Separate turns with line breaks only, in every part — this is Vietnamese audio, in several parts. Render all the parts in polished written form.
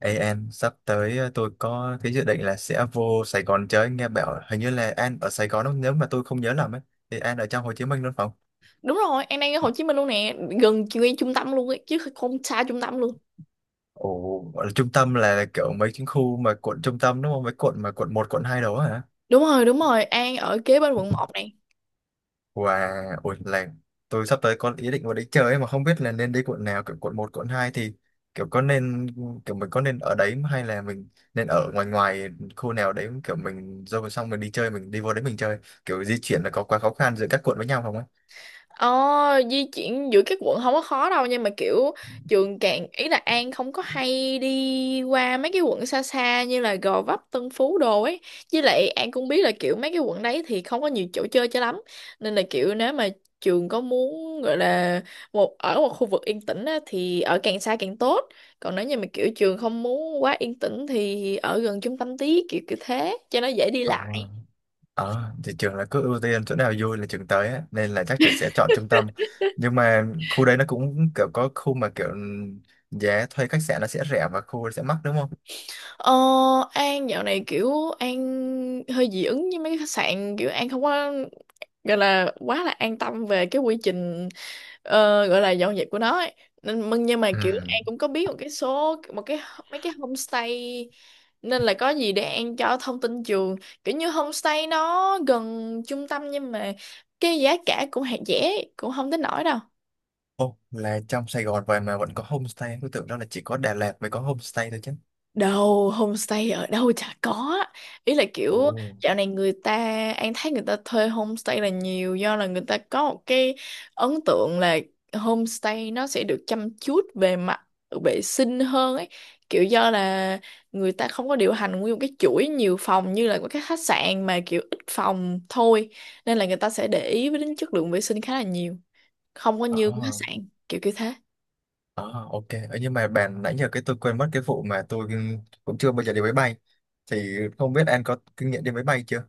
Ê em, sắp tới tôi có cái dự định là sẽ vô Sài Gòn chơi. Nghe bảo hình như là An ở Sài Gòn đúng không? Nếu mà tôi không nhớ lầm ấy, thì An ở trong Hồ Chí Minh đúng không?
Đúng rồi, An đang ở Hồ Chí Minh luôn nè, gần ngay trung tâm luôn ấy, chứ không xa trung tâm luôn.
Ồ, gọi là trung tâm là kiểu mấy cái khu mà quận trung tâm đúng không? Mấy quận mà quận 1, quận 2 đó hả?
Đúng rồi, đúng rồi, An ở kế bên quận một nè.
Wow, ôi là tôi sắp tới có ý định vào đấy chơi ấy, mà không biết là nên đi quận nào. Kiểu quận 1, quận 2 thì kiểu có nên, kiểu mình có nên ở đấy hay là mình nên ở ngoài ngoài khu nào đấy, kiểu mình rồi xong mình đi chơi mình đi vô đấy mình chơi, kiểu di chuyển là có quá khó khăn giữa các quận với nhau không ấy?
Ờ, di chuyển giữa các quận không có khó đâu, nhưng mà kiểu trường càng ý là An không có hay đi qua mấy cái quận xa xa như là Gò Vấp, Tân Phú đồ ấy. Với lại An cũng biết là kiểu mấy cái quận đấy thì không có nhiều chỗ chơi cho lắm, nên là kiểu nếu mà trường có muốn gọi là ở một khu vực yên tĩnh á, thì ở càng xa càng tốt. Còn nếu như mà kiểu trường không muốn quá yên tĩnh thì ở gần trung tâm tí, kiểu kiểu thế cho nó dễ đi lại.
Ờ, ờ, thì trường là cứ ưu tiên chỗ nào vui là trường tới á, nên là chắc trường sẽ chọn trung tâm. Nhưng mà khu đấy nó cũng kiểu có khu mà kiểu giá thuê khách sạn nó sẽ rẻ và khu sẽ mắc đúng không?
Ờ, An dạo này kiểu An hơi dị ứng với mấy cái khách sạn, kiểu An không có gọi là quá là an tâm về cái quy trình, gọi là dọn dẹp của nó ấy. Nên mừng, nhưng mà
Ừ.
kiểu An cũng có biết một cái số một cái mấy cái homestay, nên là có gì để An cho thông tin trường. Kiểu như homestay nó gần trung tâm, nhưng mà cái giá cả cũng hạt rẻ, cũng không tới nổi đâu.
Ô là trong Sài Gòn vậy mà vẫn có homestay, tôi tưởng đó là chỉ có Đà Lạt mới có homestay thôi chứ.
Đâu, homestay ở đâu chả có. Ý là
Ồ.
kiểu dạo này người ta, An thấy người ta thuê homestay là nhiều, do là người ta có một cái ấn tượng là homestay nó sẽ được chăm chút về mặt vệ sinh hơn ấy. Kiểu do là người ta không có điều hành nguyên một cái chuỗi nhiều phòng như là của các khách sạn, mà kiểu ít phòng thôi. Nên là người ta sẽ để ý với đến chất lượng vệ sinh khá là nhiều. Không có như khách
ờ,
sạn, kiểu kiểu thế.
ờ, ok. Ờ, Nhưng mà bạn nãy giờ cái tôi quên mất cái vụ mà tôi cũng chưa bao giờ đi máy bay. Thì không biết An có kinh nghiệm đi máy bay chưa?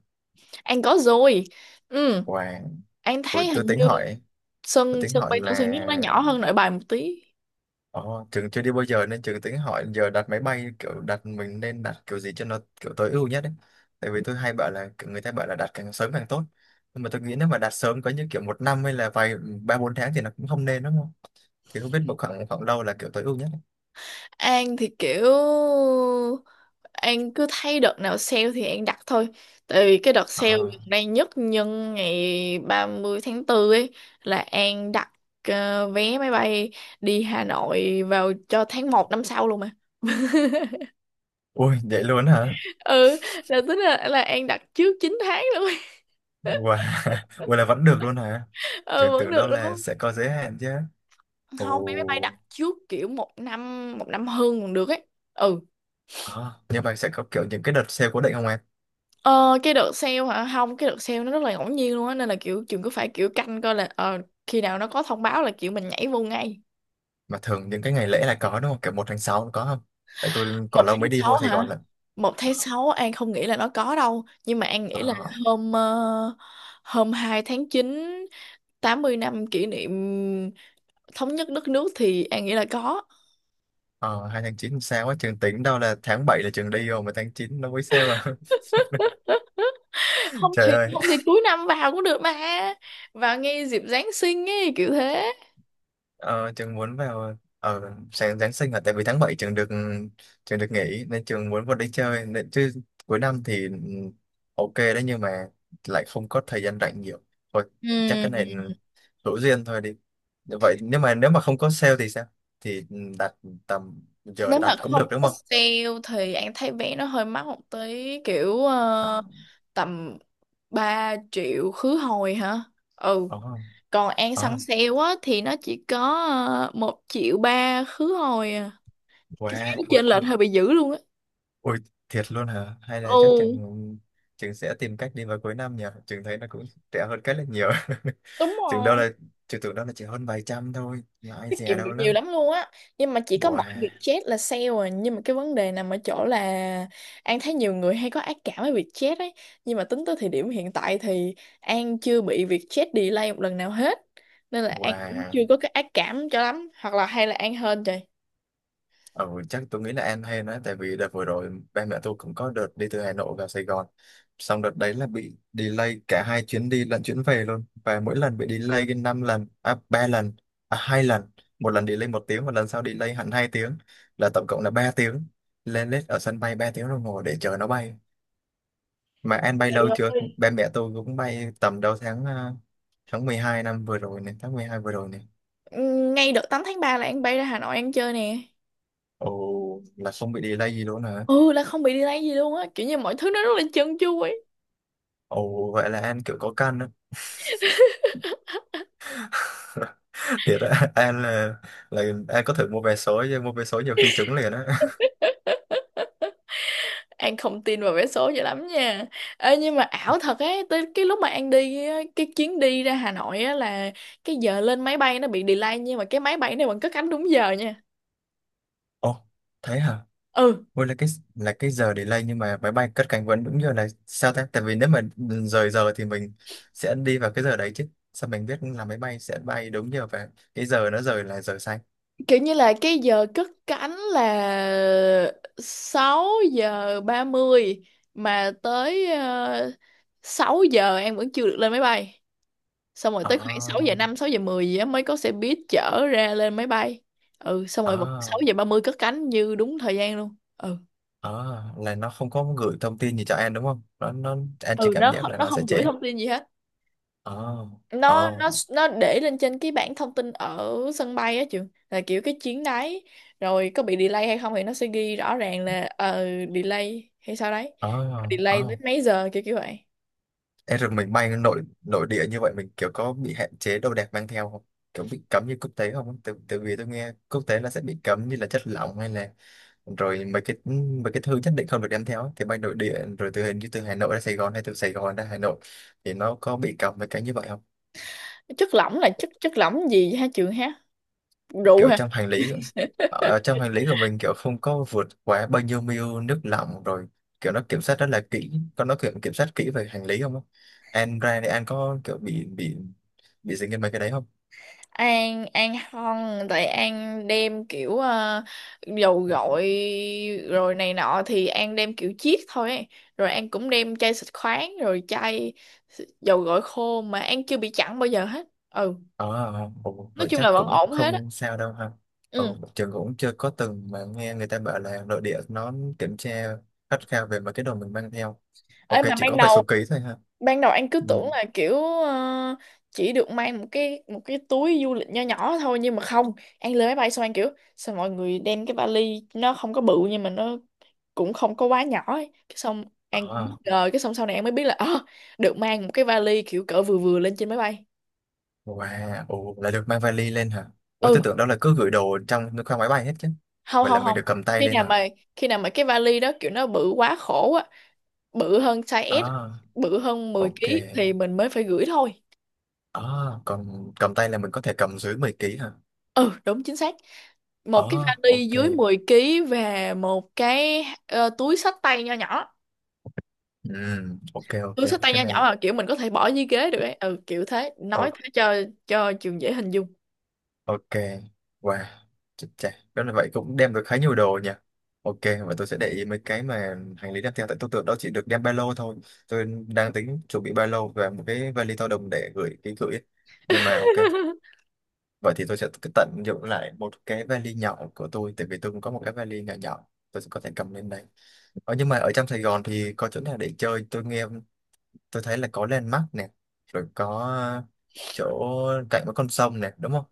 An có rồi. Ừ,
Wow.
An
Ôi,
thấy hình như
tôi
sân
tính
sân
hỏi
bay Tân Sơn
là.
Nhất nó nhỏ hơn Nội Bài một tí.
Ồ, Trường chưa đi bao giờ nên Trường tính hỏi giờ đặt máy bay kiểu đặt mình nên đặt kiểu gì cho nó kiểu tối ưu nhất ấy. Tại vì tôi hay bảo là kiểu người ta bảo là đặt càng sớm càng tốt. Nhưng mà tôi nghĩ nếu mà đặt sớm có những kiểu 1 năm hay là vài ba bốn tháng thì nó cũng không nên đúng không? Thì không biết một khoảng khoảng đâu là kiểu tối ưu nhất ấy.
An thì kiểu An cứ thấy đợt nào sale thì An đặt thôi, tại vì cái đợt sale gần
Ờ.
đây nhất nhân ngày ba mươi tháng 4 ấy là An đặt, vé máy bay đi Hà Nội vào cho tháng 1 năm sau luôn mà.
Ui vậy luôn hả?
Ừ, là tính là An đặt trước 9 tháng luôn.
Wow. Ui là vẫn được luôn hả?
Ừ,
Trường
vẫn
tưởng
được
đâu
đúng
là
không.
sẽ có giới hạn chứ. Ồ.
Không, vé máy bay đặt trước kiểu một năm, một năm hơn còn được ấy. Ừ.
Ờ, Nhưng mà sẽ có kiểu những cái đợt sale cố định không em?
Ờ, cái đợt sale hả? Không, cái đợt sale nó rất là ngẫu nhiên luôn á, nên là kiểu trường cứ phải kiểu canh coi là, khi nào nó có thông báo là kiểu mình nhảy vô ngay.
Mà thường những cái ngày lễ là có đúng không, kiểu 1 tháng 6 có không, tại tôi
Một
còn lâu
tháng
mới đi vô
sáu
Sài
hả?
Gòn lận.
1/6 An không nghĩ là nó có đâu, nhưng mà An nghĩ là
ờ,
hôm ờ, hôm 2/9, 80 năm kỷ niệm thống nhất đất nước, thì An nghĩ là có.
ờ, 2 tháng 9 sao á, trường tính đâu là tháng 7 là trường đi rồi mà tháng 9 nó mới sale à.
Không
Trời
thì,
ơi.
không thì cuối năm vào cũng được mà. Vào ngay dịp Giáng sinh ấy, kiểu thế.
Ờ, Trường muốn vào ở sáng Giáng sinh là tại vì tháng 7 trường được nghỉ nên trường muốn vào đi chơi nên chứ cuối năm thì ừ, ok đấy, nhưng mà lại không có thời gian rảnh nhiều thôi. Chắc cái này
Ừ.
hữu duyên thôi đi. Vậy nếu mà không có sale thì sao, thì đặt tầm giờ
Nếu mà
đặt cũng
không
được đúng
có
không?
sale thì anh thấy vé nó hơi mắc một tí, kiểu
Ờ.
tầm 3 triệu khứ hồi hả. Ừ.
Ờ.
Còn An săn
Ờ.
sale á thì nó chỉ có, 1,3 triệu khứ hồi à. Cái giá nó
Wow, ui,
chênh lệch hơi bị dữ luôn á.
ui thiệt luôn hả, hay là chắc
Ừ,
chừng chừng sẽ tìm cách đi vào cuối năm nhỉ, chừng thấy nó cũng rẻ hơn cái là nhiều.
đúng
Chừng đâu
rồi,
là chừng tưởng đâu là chỉ hơn vài trăm thôi mà ai
tiết
dè
kiệm được
đâu
nhiều
đó.
lắm luôn á. Nhưng mà chỉ có mỗi
Wow.
Vietjet là sale à, nhưng mà cái vấn đề nằm ở chỗ là An thấy nhiều người hay có ác cảm với Vietjet ấy. Nhưng mà tính tới thời điểm hiện tại thì An chưa bị Vietjet delay một lần nào hết, nên là An cũng chưa
Wow.
có cái ác cảm cho lắm, hoặc là hay là An hên trời.
Ừ, chắc tôi nghĩ là An hay nữa, tại vì đợt vừa rồi ba mẹ tôi cũng có đợt đi từ Hà Nội vào Sài Gòn, xong đợt đấy là bị delay cả hai chuyến đi lẫn chuyến về luôn, và mỗi lần bị delay cái 5 lần à 3 lần à 2 lần, 1 lần delay 1 tiếng, 1 lần sau delay hẳn 2 tiếng, là tổng cộng là 3 tiếng, lên lết ở sân bay 3 tiếng đồng hồ để chờ nó bay. Mà An bay lâu chưa, ba mẹ tôi cũng bay tầm đầu tháng à, tháng 12 năm vừa rồi này, tháng 12 vừa rồi này.
Ngay đợt 8/3 là An bay ra Hà Nội An chơi nè.
Ồ, là không bị delay gì luôn hả?
Ừ, là không bị delay gì luôn á, kiểu như mọi thứ nó rất là trơn tru ấy.
Ồ vậy là An kiểu có căn đó. Thiệt á. An là An có thử mua vé số chứ, mua vé số nhiều khi trúng liền á.
An không tin vào vé số cho lắm nha. Ê, nhưng mà ảo thật ấy, tới cái lúc mà An đi á, cái chuyến đi ra Hà Nội á là cái giờ lên máy bay nó bị delay, nhưng mà cái máy bay này vẫn cất cánh đúng giờ nha.
Ồ, thế hả?
Ừ,
Ôi là cái giờ delay nhưng mà máy bay cất cánh vẫn đúng giờ này sao ta, tại vì nếu mà rời giờ thì mình sẽ đi vào cái giờ đấy chứ, sao mình biết là máy bay sẽ bay đúng giờ và cái giờ nó rời là giờ xanh.
kiểu như là cái giờ cất cánh là 6:30, mà tới uh, 6 giờ An vẫn chưa được lên máy bay. Xong rồi
Ờ.
tới khoảng 6:05, 6:10 gì á mới có xe buýt chở ra lên máy bay. Ừ, xong
Ờ.
rồi vẫn 6 giờ ba mươi cất cánh như đúng thời gian luôn. Ừ.
Ờ là nó không có gửi thông tin gì cho An đúng không, nó An chỉ
Ừ,
cảm
nó
giác là
nó
nó sẽ
không gửi
trễ.
thông tin gì hết.
Ờ.
nó
Ờ.
nó nó để lên trên cái bảng thông tin ở sân bay á, trường, là kiểu cái chuyến đấy rồi có bị delay hay không thì nó sẽ ghi rõ ràng là, delay hay sao đấy,
Ờ.
delay
Ờ.
đến mấy giờ, kiểu kiểu vậy.
Ê, rồi mình bay nội nội địa như vậy mình kiểu có bị hạn chế đồ đạc mang theo không? Kiểu bị cấm như quốc tế không á? Từ từ vì tôi nghe quốc tế là sẽ bị cấm như là chất lỏng, hay là rồi mấy cái thứ nhất định không được đem theo á, thì bay nội địa rồi từ hình như từ Hà Nội ra Sài Gòn hay từ Sài Gòn ra Hà Nội thì nó có bị cấm mấy cái như vậy không?
Chất lỏng là chất chất lỏng gì hả trường ha? Rượu?
Kiểu trong hành lý, ở trong hành lý của mình kiểu không có vượt quá bao nhiêu ml nước lỏng, rồi kiểu nó kiểm soát rất là kỹ, có nó kiểm kiểm soát kỹ về hành lý không á? An ra thì An có kiểu bị dính đến mấy cái đấy không?
An không, tại An đem kiểu, dầu gội rồi này nọ thì An đem kiểu chiết thôi ấy. Rồi An cũng đem chai xịt khoáng, rồi chai dầu gội khô mà An chưa bị chặn bao giờ hết. Ừ,
Ờ. Ồ
nói
vậy
chung
chắc
là vẫn
cũng
ổn hết á.
không sao đâu ha. Ừ,
Ừ.
trường cũng chưa có từng mà nghe người ta bảo là nội địa nó kiểm tra khắt khe về mấy cái đồ mình mang theo. Ok,
Ấy mà
chỉ
ban
có vài
đầu,
số ký thôi ha.
anh cứ tưởng
Ừ.
là kiểu, chỉ được mang một cái túi du lịch nho nhỏ thôi, nhưng mà không, anh lên máy bay xong anh kiểu sao mọi người đem cái vali nó không có bự nhưng mà nó cũng không có quá nhỏ ấy. Cái xong anh cũng bất
Ờ.
ngờ, cái xong sau này anh mới biết là, được mang một cái vali kiểu cỡ vừa vừa lên trên máy bay.
Wow. Ồ là được mang vali lên hả? Ủa
Ừ.
tôi tưởng đó là cứ gửi đồ trong khoang máy bay hết chứ.
Không,
Vậy là
không,
mình
không,
được cầm tay
khi
lên
nào
hả?
mà khi nào mà cái vali đó kiểu nó bự quá khổ á, bự hơn size S,
À,
bự hơn 10
ok.
ký thì mình mới phải gửi thôi.
À, còn cầm tay là mình có thể cầm dưới 10 ký hả?
Ừ, đúng chính xác, một cái
À.
vali
Ok.
dưới 10 ký và một cái, túi xách tay nho nhỏ.
Ừ. Ok. Ok.
Túi xách tay
Cái
nho nhỏ
này,
mà kiểu mình có thể bỏ dưới ghế được ấy, ừ, kiểu thế, nói
ừ.
thế cho trường dễ hình dung.
Ok, wow, chết chà, đó là vậy cũng đem được khá nhiều đồ nhỉ. Ok, và tôi sẽ để ý mấy cái mà hành lý đem theo, tại tôi tưởng đó chỉ được đem ba lô thôi. Tôi đang tính chuẩn bị ba lô và một cái vali to đùng để gửi ký gửi ấy. Nhưng mà ok, vậy thì tôi sẽ cứ tận dụng lại một cái vali nhỏ của tôi, tại vì tôi cũng có một cái vali nhỏ nhỏ, tôi sẽ có thể cầm lên đây. Ờ, nhưng mà ở trong Sài Gòn thì có chỗ nào để chơi? Tôi nghe, tôi thấy là có Landmark nè, rồi có chỗ cạnh với con sông nè, đúng không?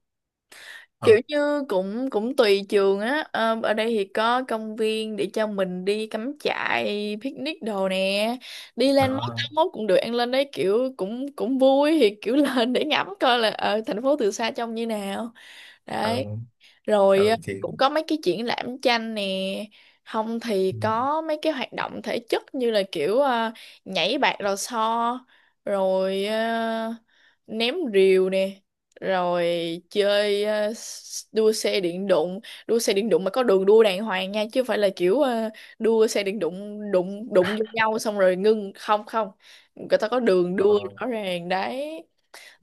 Kiểu
Ừ.
như cũng cũng tùy trường á. Ờ, ở đây thì có công viên để cho mình đi cắm trại picnic đồ nè, đi lên mốt
Đó.
tám mốt cũng được, ăn lên đấy kiểu cũng cũng vui, thì kiểu lên để ngắm coi là ở thành phố từ xa trông như nào.
Ừ.
Đấy. Rồi,
Ừ, thì
cũng có mấy cái triển lãm tranh nè. Không thì
ừ,
có mấy cái hoạt động thể chất như là kiểu, nhảy bạt lò xo, rồi ném rìu nè, rồi chơi, đua xe điện đụng. Đua xe điện đụng mà có đường đua đàng hoàng nha, chứ không phải là kiểu, đua xe điện đụng đụng đụng vô nhau xong rồi ngưng. Không, không, người ta có đường đua
ờ,
rõ ràng đấy.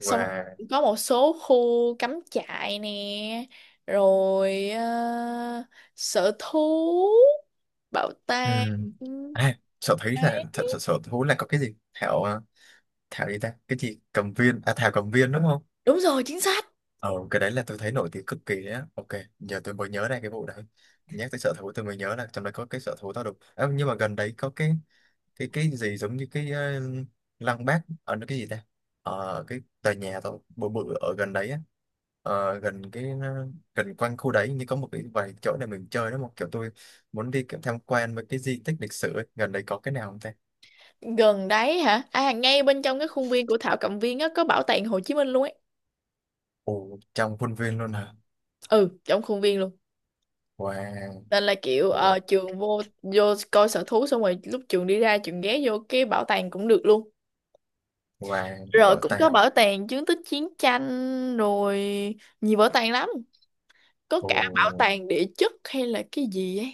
Xong rồi có một số khu cắm trại nè, rồi, sở thú, bảo
ừ,
tàng.
à, sợ thấy là
Đấy.
thật sự sở thú là có cái gì Thảo, Thảo gì ta, cái gì cầm viên, à Thảo cầm viên đúng không?
Đúng rồi, chính xác.
Ờ, cái đấy là tôi thấy nổi tiếng cực kỳ đấy á. Ok, giờ tôi mới nhớ ra cái vụ đấy. Nhắc tới sở thú tôi mới nhớ là trong đấy có cái sở thú tao đục. À, nhưng mà gần đấy có cái gì giống như cái lăng Bác, ở nó cái gì ta? Ờ, cái tòa nhà tao bự bự ở gần đấy á. Ờ, gần cái gần quanh khu đấy như có một cái vài chỗ để mình chơi đó, một kiểu tôi muốn đi kiểu tham quan với cái di tích lịch sử ấy. Gần đấy có cái nào không ta?
Gần đấy hả? À, ngay bên trong cái khuôn viên của Thảo Cầm Viên á có bảo tàng Hồ Chí Minh luôn ấy.
Ồ, trong khuôn viên luôn hả?
Ừ, trong khuôn viên luôn.
Wow.
Nên là kiểu,
Ồ.
trường vô vô coi sở thú xong rồi lúc trường đi ra trường ghé vô cái bảo tàng cũng được luôn.
Wow,
Rồi
bảo
cũng có
tàng.
bảo tàng chứng tích chiến tranh, rồi nhiều bảo tàng lắm, có cả bảo
Ồ.
tàng địa chất hay là cái gì ấy.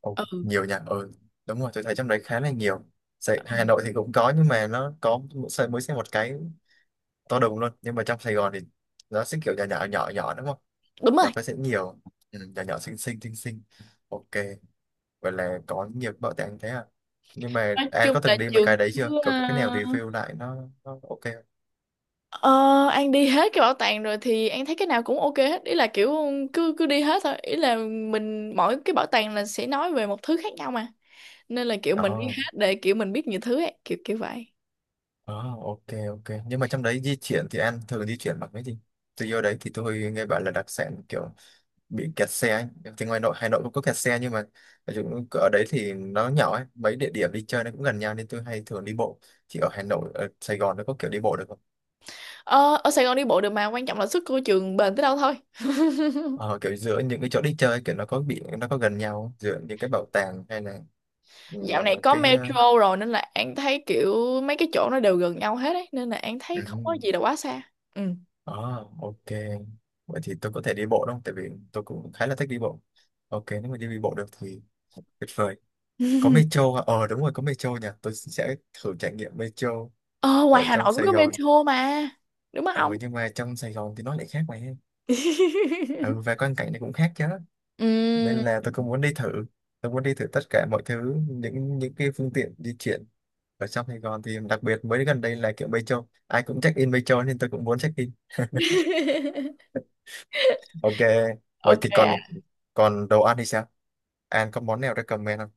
Ồ,
Ừ,
nhiều nhà, ừ, đúng rồi tôi thấy trong đấy khá là nhiều. Sài, Hà Nội thì cũng có, nhưng mà nó có mỗi xây mới xe một cái to đùng luôn, nhưng mà trong Sài Gòn thì nó sẽ kiểu nhà nhỏ nhỏ nhỏ đúng không,
đúng rồi.
nó có sẽ nhiều, ừ, nhà nhỏ xinh xinh xinh xinh. Ok, vậy là có nhiều bảo tàng thế à, nhưng mà
Nói
An
chung
có
là
từng đi mấy
trường
cái đấy chưa,
cứ, ờ,
cậu có cái nào review lại nó ok
ờ, An đi hết cái bảo tàng rồi thì An thấy cái nào cũng ok hết. Ý là kiểu cứ cứ đi hết thôi, ý là mình mỗi cái bảo tàng là sẽ nói về một thứ khác nhau mà, nên là kiểu mình đi
không?
hết để kiểu mình biết nhiều thứ ấy, kiểu kiểu vậy.
Ồ, oh, ok, ok, nhưng mà trong đấy di chuyển thì An thường di chuyển bằng cái gì, tôi vô đấy thì tôi nghe bảo là đặc sản kiểu bị kẹt xe ấy. Thì ngoài nội Hà Nội cũng có kẹt xe, nhưng mà ở chỗ- ở đấy thì nó nhỏ ấy, mấy địa điểm đi chơi nó cũng gần nhau nên tôi hay thường đi bộ. Thì ở Hà Nội, ở Sài Gòn nó có kiểu đi bộ được không?
Ờ, ở Sài Gòn đi bộ được, mà quan trọng là sức của trường bền tới đâu thôi.
Ờ, kiểu giữa những cái chỗ đi chơi kiểu nó có gần nhau không? Giữa những cái bảo tàng hay là ừ,
Dạo này có
cái,
metro rồi nên là An thấy kiểu mấy cái chỗ nó đều gần nhau hết ấy, nên là An thấy
ừ.
không có gì là quá xa. Ừ.
ờ, ok, vậy thì tôi có thể đi bộ đúng không, tại vì tôi cũng khá là thích đi bộ. Ok, nếu mà đi bộ được thì tuyệt vời. Có metro hả? Ờ đúng rồi, có metro nhỉ, tôi sẽ thử trải nghiệm metro
Ờ, ngoài
ở
Hà
trong
Nội cũng
Sài
có
Gòn.
metro mà, đúng không?
Ừ, nhưng mà trong Sài Gòn thì nó lại khác mà em. Ừ, và quan cảnh này cũng khác chứ, nên
Ừm.
là tôi cũng muốn đi thử. Tôi muốn đi thử tất cả mọi thứ, những cái phương tiện di chuyển ở trong Sài Gòn, thì đặc biệt mới gần đây là kiểu Metro ai cũng check in Metro nên tôi cũng muốn check in. Ok, vậy
Ok
thì còn
ạ.
còn đồ ăn thì sao, An có món nào recommend không,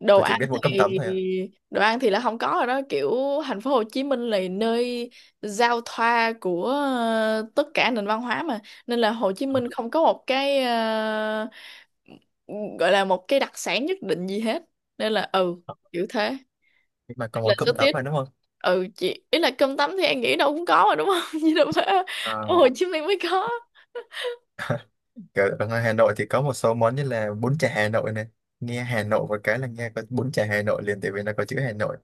Đồ
tôi chỉ
ăn
biết mỗi cơm
thì,
tấm thôi ạ.
là không có rồi đó, kiểu thành phố Hồ Chí Minh là nơi giao thoa của, tất cả nền văn hóa mà, nên là Hồ Chí Minh không có một cái, gọi là một cái đặc sản nhất định gì hết, nên là ừ,
Ờ,
kiểu thế.
nhưng mà có
Là
món
số
cơm tấm
tiết.
mà đúng không.
Ừ, chị, ý là cơm tấm thì em nghĩ đâu cũng có mà, đúng không? Chứ đâu phải ở
Ờ.
Hồ Chí Minh mới có.
Kiểu ở ngoài Hà Nội thì có một số món như là bún chả Hà Nội này, nghe Hà Nội một cái là nghe có bún chả Hà Nội liền tại vì nó có chữ Hà Nội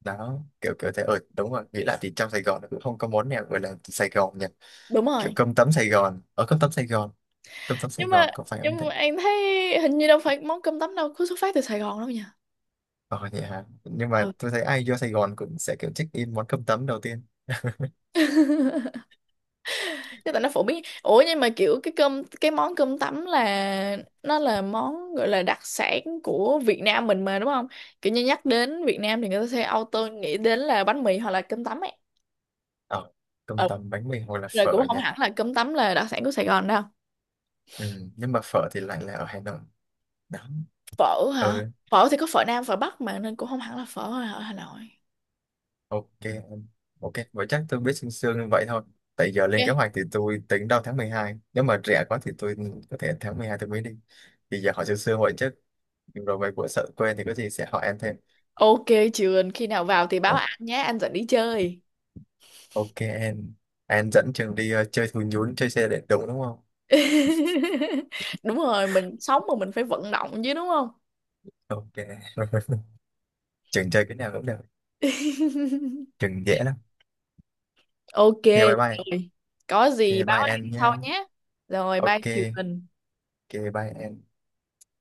đó, kiểu kiểu thế, ở đúng rồi nghĩ lại thì trong Sài Gòn nó cũng không có món nào gọi là Sài Gòn nhỉ,
Đúng
kiểu
rồi.
cơm tấm Sài Gòn, ở cơm tấm Sài Gòn, cơm tấm Sài
nhưng mà
Gòn có phải không
nhưng
thế.
mà em thấy hình như đâu phải món cơm tấm đâu cứ xuất phát từ Sài Gòn đâu nha.
Ờ vậy hả, nhưng mà
Ừ,
tôi thấy ai vô Sài Gòn cũng sẽ kiểu check in món cơm tấm đầu tiên.
chứ tại nó phổ biến. Ủa, nhưng mà kiểu cái món cơm tấm là nó là món gọi là đặc sản của Việt Nam mình mà, đúng không? Kiểu như nhắc đến Việt Nam thì người ta sẽ auto nghĩ đến là bánh mì hoặc là cơm tấm ấy.
Ờ,
Ừ.
cơm tấm bánh mì hoặc là
Rồi,
phở
cũng không
nhỉ.
hẳn là cơm tấm là đặc sản của Sài Gòn đâu.
Ừ, nhưng mà phở thì lại là ở Hà Nội đó.
Phở hả?
Ừ,
Phở thì có phở Nam phở Bắc mà, nên cũng không hẳn là phở ở Hà Nội.
ok em. Ok, vậy chắc tôi biết sương sương như vậy thôi, tại giờ lên kế
Ok.
hoạch thì tôi tính đầu tháng 12, nếu mà rẻ quá thì tôi có thể tháng 12 tôi mới đi, thì giờ hỏi sương sương vậy chứ, rồi về của sợ quên thì có gì sẽ hỏi em thêm.
Ok. Trường khi nào vào thì báo
Ồ,
anh nhé, anh dẫn đi chơi.
ok em. Em dẫn trường đi chơi thú nhún chơi xe điện đúng đúng không.
Đúng rồi, mình sống mà mình phải vận động chứ, đúng không?
Ok. Trường chơi cái nào cũng được, trường dễ lắm.
Ok.
Ok, bye bye.
Rồi, có
Ok,
gì báo
bye em
anh
nhá.
sau nhé. Rồi, bye
Ok.
Trường.
Ok, bye em.